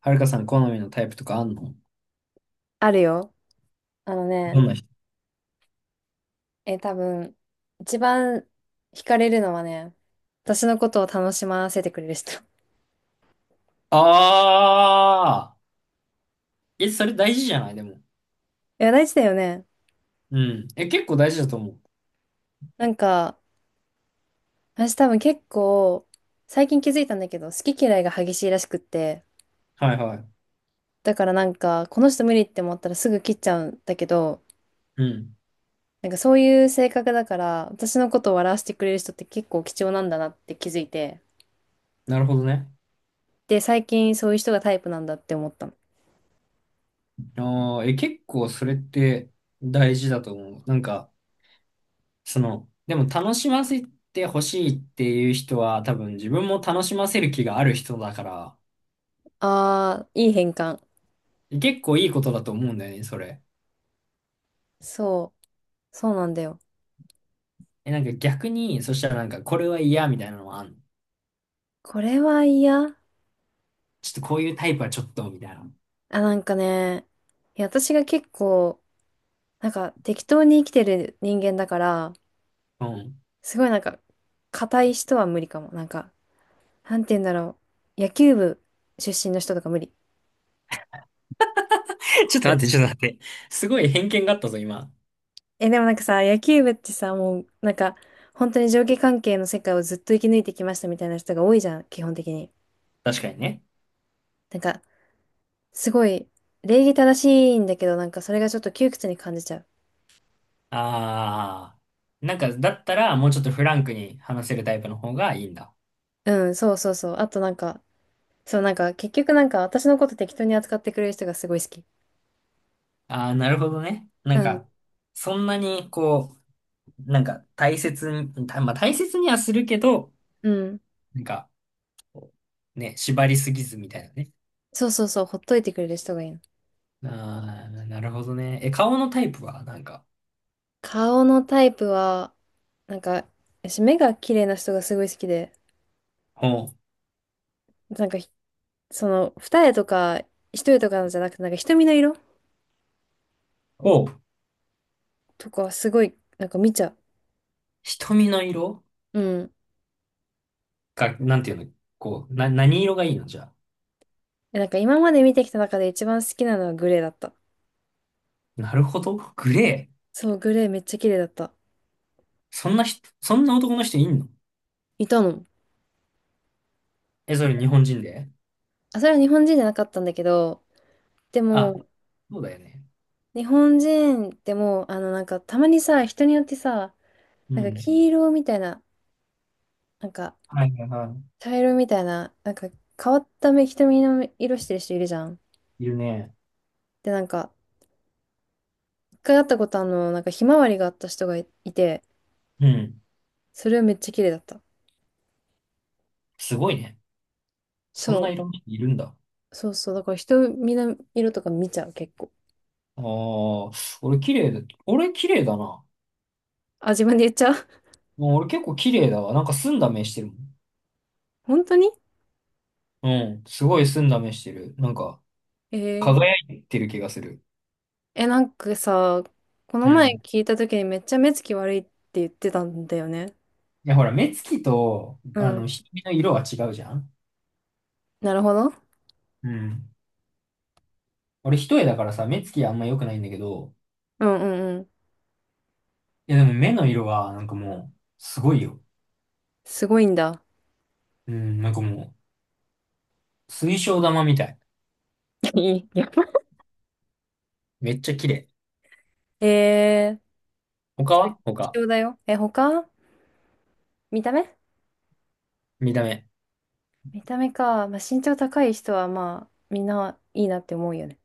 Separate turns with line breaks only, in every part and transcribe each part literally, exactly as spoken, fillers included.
はるかさん好みのタイプとかあんの？ど
あるよ。あのね、
んな人？
え、多分、一番惹かれるのはね、私のことを楽しませてくれる人。い
ああー、え、それ大事じゃない、でも。
や、大事だよね。
うん。え、結構大事だと思う。
なんか、私多分結構、最近気づいたんだけど、好き嫌いが激しいらしくって、
はいはい。
だからなんか、この人無理って思ったらすぐ切っちゃうんだけど、
うん。
なんかそういう性格だから、私のことを笑わせてくれる人って結構貴重なんだなって気づいて、
なるほどね。
で、最近そういう人がタイプなんだって思ったの。
ああ、え、結構それって大事だと思う。なんか、その、でも楽しませてほしいっていう人は多分自分も楽しませる気がある人だから、
あー、いい変換。
え結構いいことだと思うんだよね、それ。
そう、そうなんだよ。
え、なんか逆に、そしたらなんかこれは嫌みたいなのはあんの？
これは嫌。
ちょっとこういうタイプはちょっとみたいな。
あ、なんかね、いや、私が結構、なんか適当に生きてる人間だから、
うん。
すごいなんか、硬い人は無理かも。なんか、なんて言うんだろう。野球部出身の人とか無理。
ちょっと待って、ちょっと待って。すごい偏見があったぞ、今。
え、でもなんかさ、野球部ってさ、もう、なんか、本当に上下関係の世界をずっと生き抜いてきましたみたいな人が多いじゃん、基本的に。
確かにね。
なんか、すごい、礼儀正しいんだけど、なんかそれがちょっと窮屈に感じちゃう。
ああ。なんか、だったら、もうちょっとフランクに話せるタイプの方がいいんだ。
うん、そうそうそう。あとなんか、そう、なんか結局なんか私のこと適当に扱ってくれる人がすごい好き。
ああ、なるほどね。なん
うん。
か、そんなに、こう、なんか、大切に、た、まあ、大切にはするけど、
うん。
なんか、こうね、縛りすぎずみたいなね。
そうそうそう、ほっといてくれる人がいいの。
ああ、なるほどね。え、顔のタイプは、なんか、
顔のタイプは、なんか、私目が綺麗な人がすごい好きで、
ほう、
なんかひ、その、二重とか一重とかのじゃなくて、なんか瞳の色
おう、
とかはすごい、なんか見ちゃ
瞳の色
う。うん。
が、なんていうの、こう、な、何色がいいのじゃあ？
え、なんか今まで見てきた中で一番好きなのはグレーだった。
なるほど。グレー。
そう、グレーめっちゃ綺麗だった。
そんな人、そんな男の人いんの？
いたの。
え、それ日本人で？
あ、それは日本人じゃなかったんだけど、で
あ、
も、
そうだよね。
日本人ってもう、あの、なんか、たまにさ、人によってさ、
う
なんか、
ん。
黄色みたいな、なんか、
はいはいは
茶色みたいな、なんか、変わった目、瞳の色してる人いるじゃん。
い。いるね。
で、なんか、一回会ったことあるの、なんか、ひまわりがあった人がいいて、
うん。
それはめっちゃ綺麗だった。
すごいね。そんな
そ
いろんな人いるんだ。
う、そうそう、だから、瞳の色とか見ちゃう、結構。
ああ、俺綺麗だ。俺綺麗だな。
あ、自分で言っちゃう？
もう俺結構綺麗だわ。なんか澄んだ目してるもん。
本当に？
うん。すごい澄んだ目してる。なんか、
えー、
輝いてる気がする。
え、なんかさ、この
う
前
ん。
聞いた時にめっちゃ目つき悪いって言ってたんだよね。
いや、ほら、目つきと、
う
あ
ん。
の、瞳の色は違うじゃん。
なるほど。
うん。俺一重だからさ、目つきあんま良くないんだけど、
うんうんうん。
いやでも目の色はなんかもう、すごいよ。
すごいんだ。
うん、なんかもう、水晶玉みたい。
いや、
めっちゃ綺麗。
えー、
他は
貴
他。
重だよ。え、他？見た目？
見た目。
見た目か。まあ、身長高い人はまあ、みんないいなって思うよね。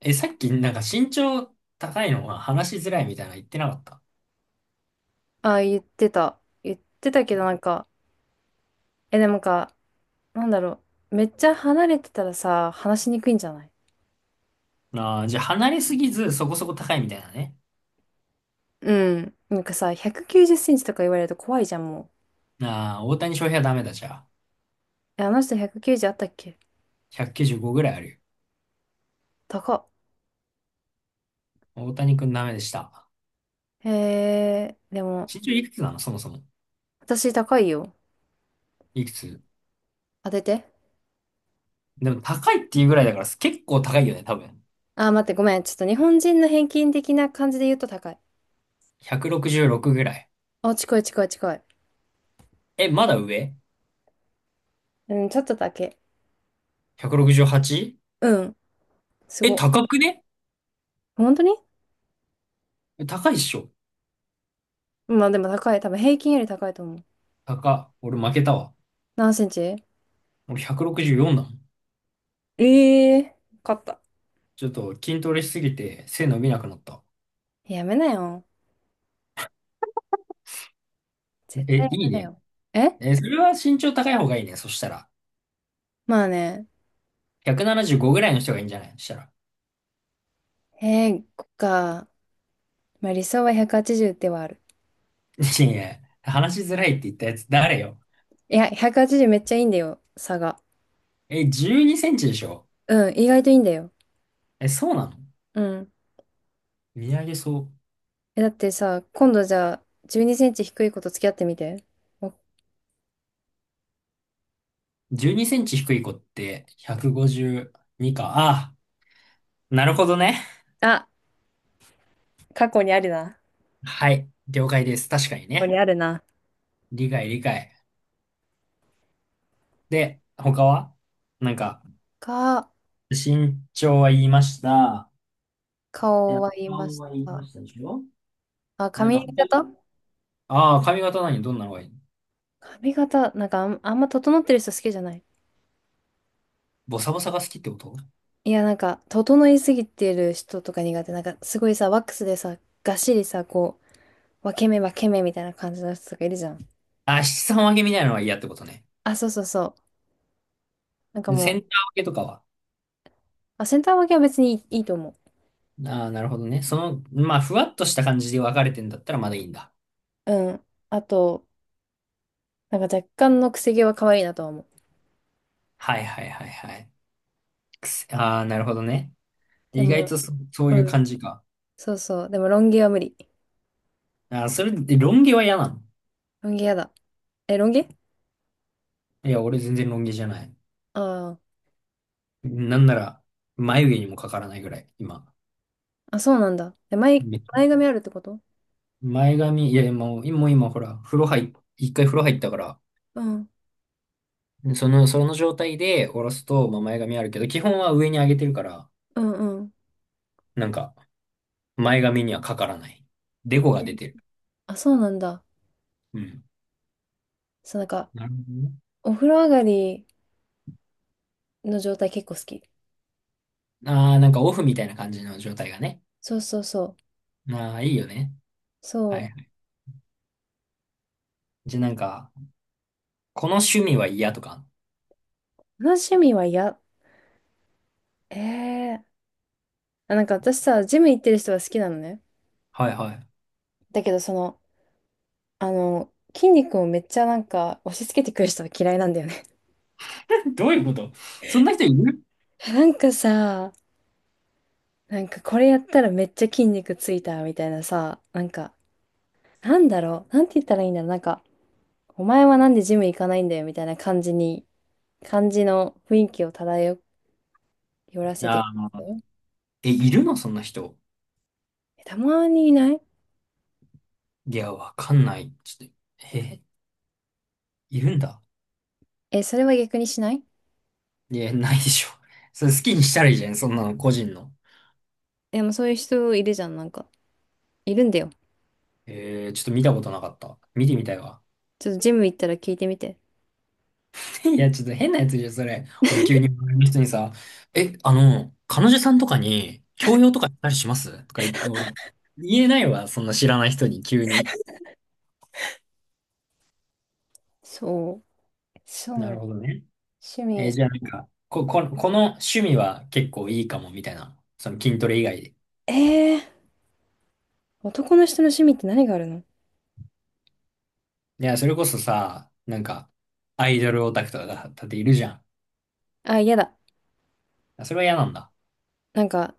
え、さっきなんか身長高いのは話しづらいみたいなの言ってなかった？
あ、言ってた。言ってたけどなんか、え、でもなんか、なんだろう。めっちゃ離れてたらさ、話しにくいんじゃない？
ああー、じゃあ離れすぎずそこそこ高いみたいなね。
うん。なんかさ、ひゃくきゅうじゅっセンチとか言われると怖いじゃん、もう。
ああ、大谷翔平はダメだじゃあ。
え、あの人ひゃくきゅうじゅうあったっけ？
ひゃくきゅうじゅうごぐらいある
高っ。
よ。大谷くんダメでした。
えー、でも、
身長いくつなのそもそも？
私高いよ。
いくつ？
当てて。
でも高いっていうぐらいだから結構高いよね、多分。
あー、待って、ごめん。ちょっと日本人の平均的な感じで言うと高い。
ひゃくろくじゅうろくぐらい。
あ、近い近い近い。
え、まだ上
うん、ちょっとだけ。
?ひゃくろくじゅうはち?
うん、す
え、
ご。
高くね？
本当に？
え、高いっしょ。
まあでも高い。多分平均より高いと思う。
高。俺負けたわ。
何センチ？
俺ひゃくろくじゅうよんだもん。
え、えー、勝った。
ちょっと筋トレしすぎて背伸びなくなった。
やめなよ。絶対
え、
や
いい
めな
ね。
よ。え、
え、それは身長高い方がいいね。そしたら。
まあね。
ひゃくななじゅうごぐらいの人がいいんじゃない？そしたら。
えー、こっか。まあ理想はひゃくはちじゅうではある。
いやい話しづらいって言ったやつ誰よ。
いや、ひゃくはちじゅうめっちゃいいんだよ、差が。
え、じゅうにセンチでしょ？
うん、意外といいんだよ。
え、そうなの？
うん。
見上げそ
え、だってさ、今度じゃあ、じゅうにセンチ低い子と付き合ってみて。お、
う。じゅうにセンチ低い子ってひゃくごじゅうにか。ああ、なるほどね。
あ、過去にあるな。
はい。了解です。確かに
過去に
ね。
あるな。
理解理解。で、他は？なんか、
が、
身長は言いました。で、
顔は言いま
顔
し
は言いま
た。
したでしょ？
あ、
なん
髪
か他に、
型？
ああ、髪型、何どんなのがいいの？
髪型、なんかあん、あんま整ってる人好きじゃない。
ボサボサが好きってこと？
いや、なんか、整いすぎてる人とか苦手。なんか、すごいさ、ワックスでさ、がっしりさ、こう、分け目分け目みたいな感じの人とかいるじゃん。
あ、しちさんわけみたいなのは嫌ってことね。
あ、そうそうそう。なんか
で
も
セ
う、
ンター分けとかは？
あ、センター分けは別にいい、いいと思
ああ、なるほどね。その、まあ、ふわっとした感じで分かれてんだったらまだいいんだ。
う。うん。あと、なんか若干のくせ毛は可愛いなとは思う。
はいはいはいはい。くせああ、なるほどね。
で
意外
も、
とそ、そう
う
いう
ん。
感じか。
そうそう。でも、ロン毛は無理。
ああ、それで、ロン毛は嫌なの？
ロン毛やだ。え、ロン毛？
いや、俺全然ロン毛じゃない。
ああー、
なんなら、眉毛にもかからないぐらい、今。
あ、そうなんだ。え、前、前髪あるってこと？
前髪、いや、もう、今、もう今、ほら、風呂入っ、いっかい風呂入ったから、
うん。
その、その状態で下ろすと、まあ、前髪あるけど、基本は上に上げてるから、
うんうん。
なんか、前髪にはかからない。デコが出てる。
あ、そうなんだ。
うん。
そう、なんか、
なるほどね。
お風呂上がりの状態結構好き。
ああ、なんかオフみたいな感じの状態がね。
そうそうそう。
ああ、いいよね。はいは
そ
い。じゃあなんか、この趣味は嫌とか？
う。同じ趣味はや、え、え、あ、なんか私さ、ジム行ってる人は好きなのね。
はいはい。
だけど、その、あの、筋肉をめっちゃなんか押し付けてくる人は嫌いなんだよね。
どういうこと？そんな人いる？
なんかさ、なんかこれやったらめっちゃ筋肉ついたみたいなさ、なんか、なんだろう、なんて言ったらいいんだろう、なんか、お前はなんでジム行かないんだよみたいな感じに、感じの雰囲気を漂らせてくる
ああ
人。
ー、え、いるの？そんな人。
え、たまにいない？
いや、わかんない。ちょっと、え、いるんだ。
え、それは逆にしない？
いや、ないでしょ。それ好きにしたらいいじゃん、そんなの、個人の。
でもそういう人いるじゃん、なんか。いるんだよ。
えー、ちょっと見たことなかった。見てみたいわ。
ちょっとジム行ったら聞いてみて。
いや、ちょっと変なやつじゃん、それ。俺急に周りの人にさ、え、あの、彼女さんとかに、強要とかしたりしますとか言って、俺、言えないわ、そんな知らない人に、急に。
そう。そう
な
なの。
るほどね。
趣
えーじゃあ
味。
なんか、こ、こ、この趣味は結構いいかも、みたいな。その筋トレ以外で。
えー、男の人の趣味って何があるの？
いや、それこそさ、なんか、アイドルオタクとかだだっているじゃん。
あ、嫌だ。
あそれは嫌なんだ。
なんか、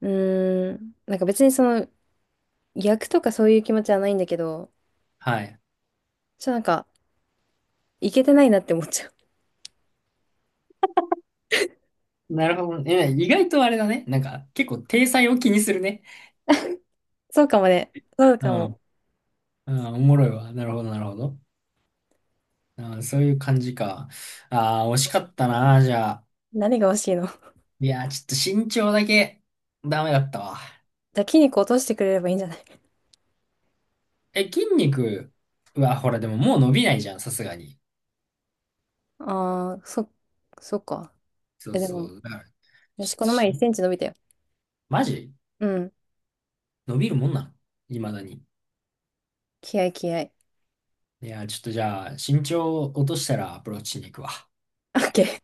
うーん、なんか別にその、逆とかそういう気持ちはないんだけど、
はい。
ちょっとなんか、いけてないなって思っちゃう。
なるほどね。意外とあれだね。なんか、結構、体裁を気にするね。
そうかもね。そう
う
かも。
ん。うん、おもろいわ。なるほど、なるほど。うん、そういう感じか。ああ、惜しかったな、じゃあ。
何が欲しいの？
いやー、ちょっと身長だけ、ダメだったわ。
じゃあ筋肉落としてくれればいいんじゃない？
え、筋肉は、ほら、でももう伸びないじゃん、さすがに。
ああー、そ、そっか。
そ
え、
う
で
そ
も、
う。だから、
よ
ち
し、
ょっ
こ
と
の前
し、
いっセンチ伸びたよ。
マジ
うん。
伸びるもんなの？未だに。
気合い気合い。
いやー、ちょっとじゃあ、身長落としたらアプローチしに行くわ。
オーケー。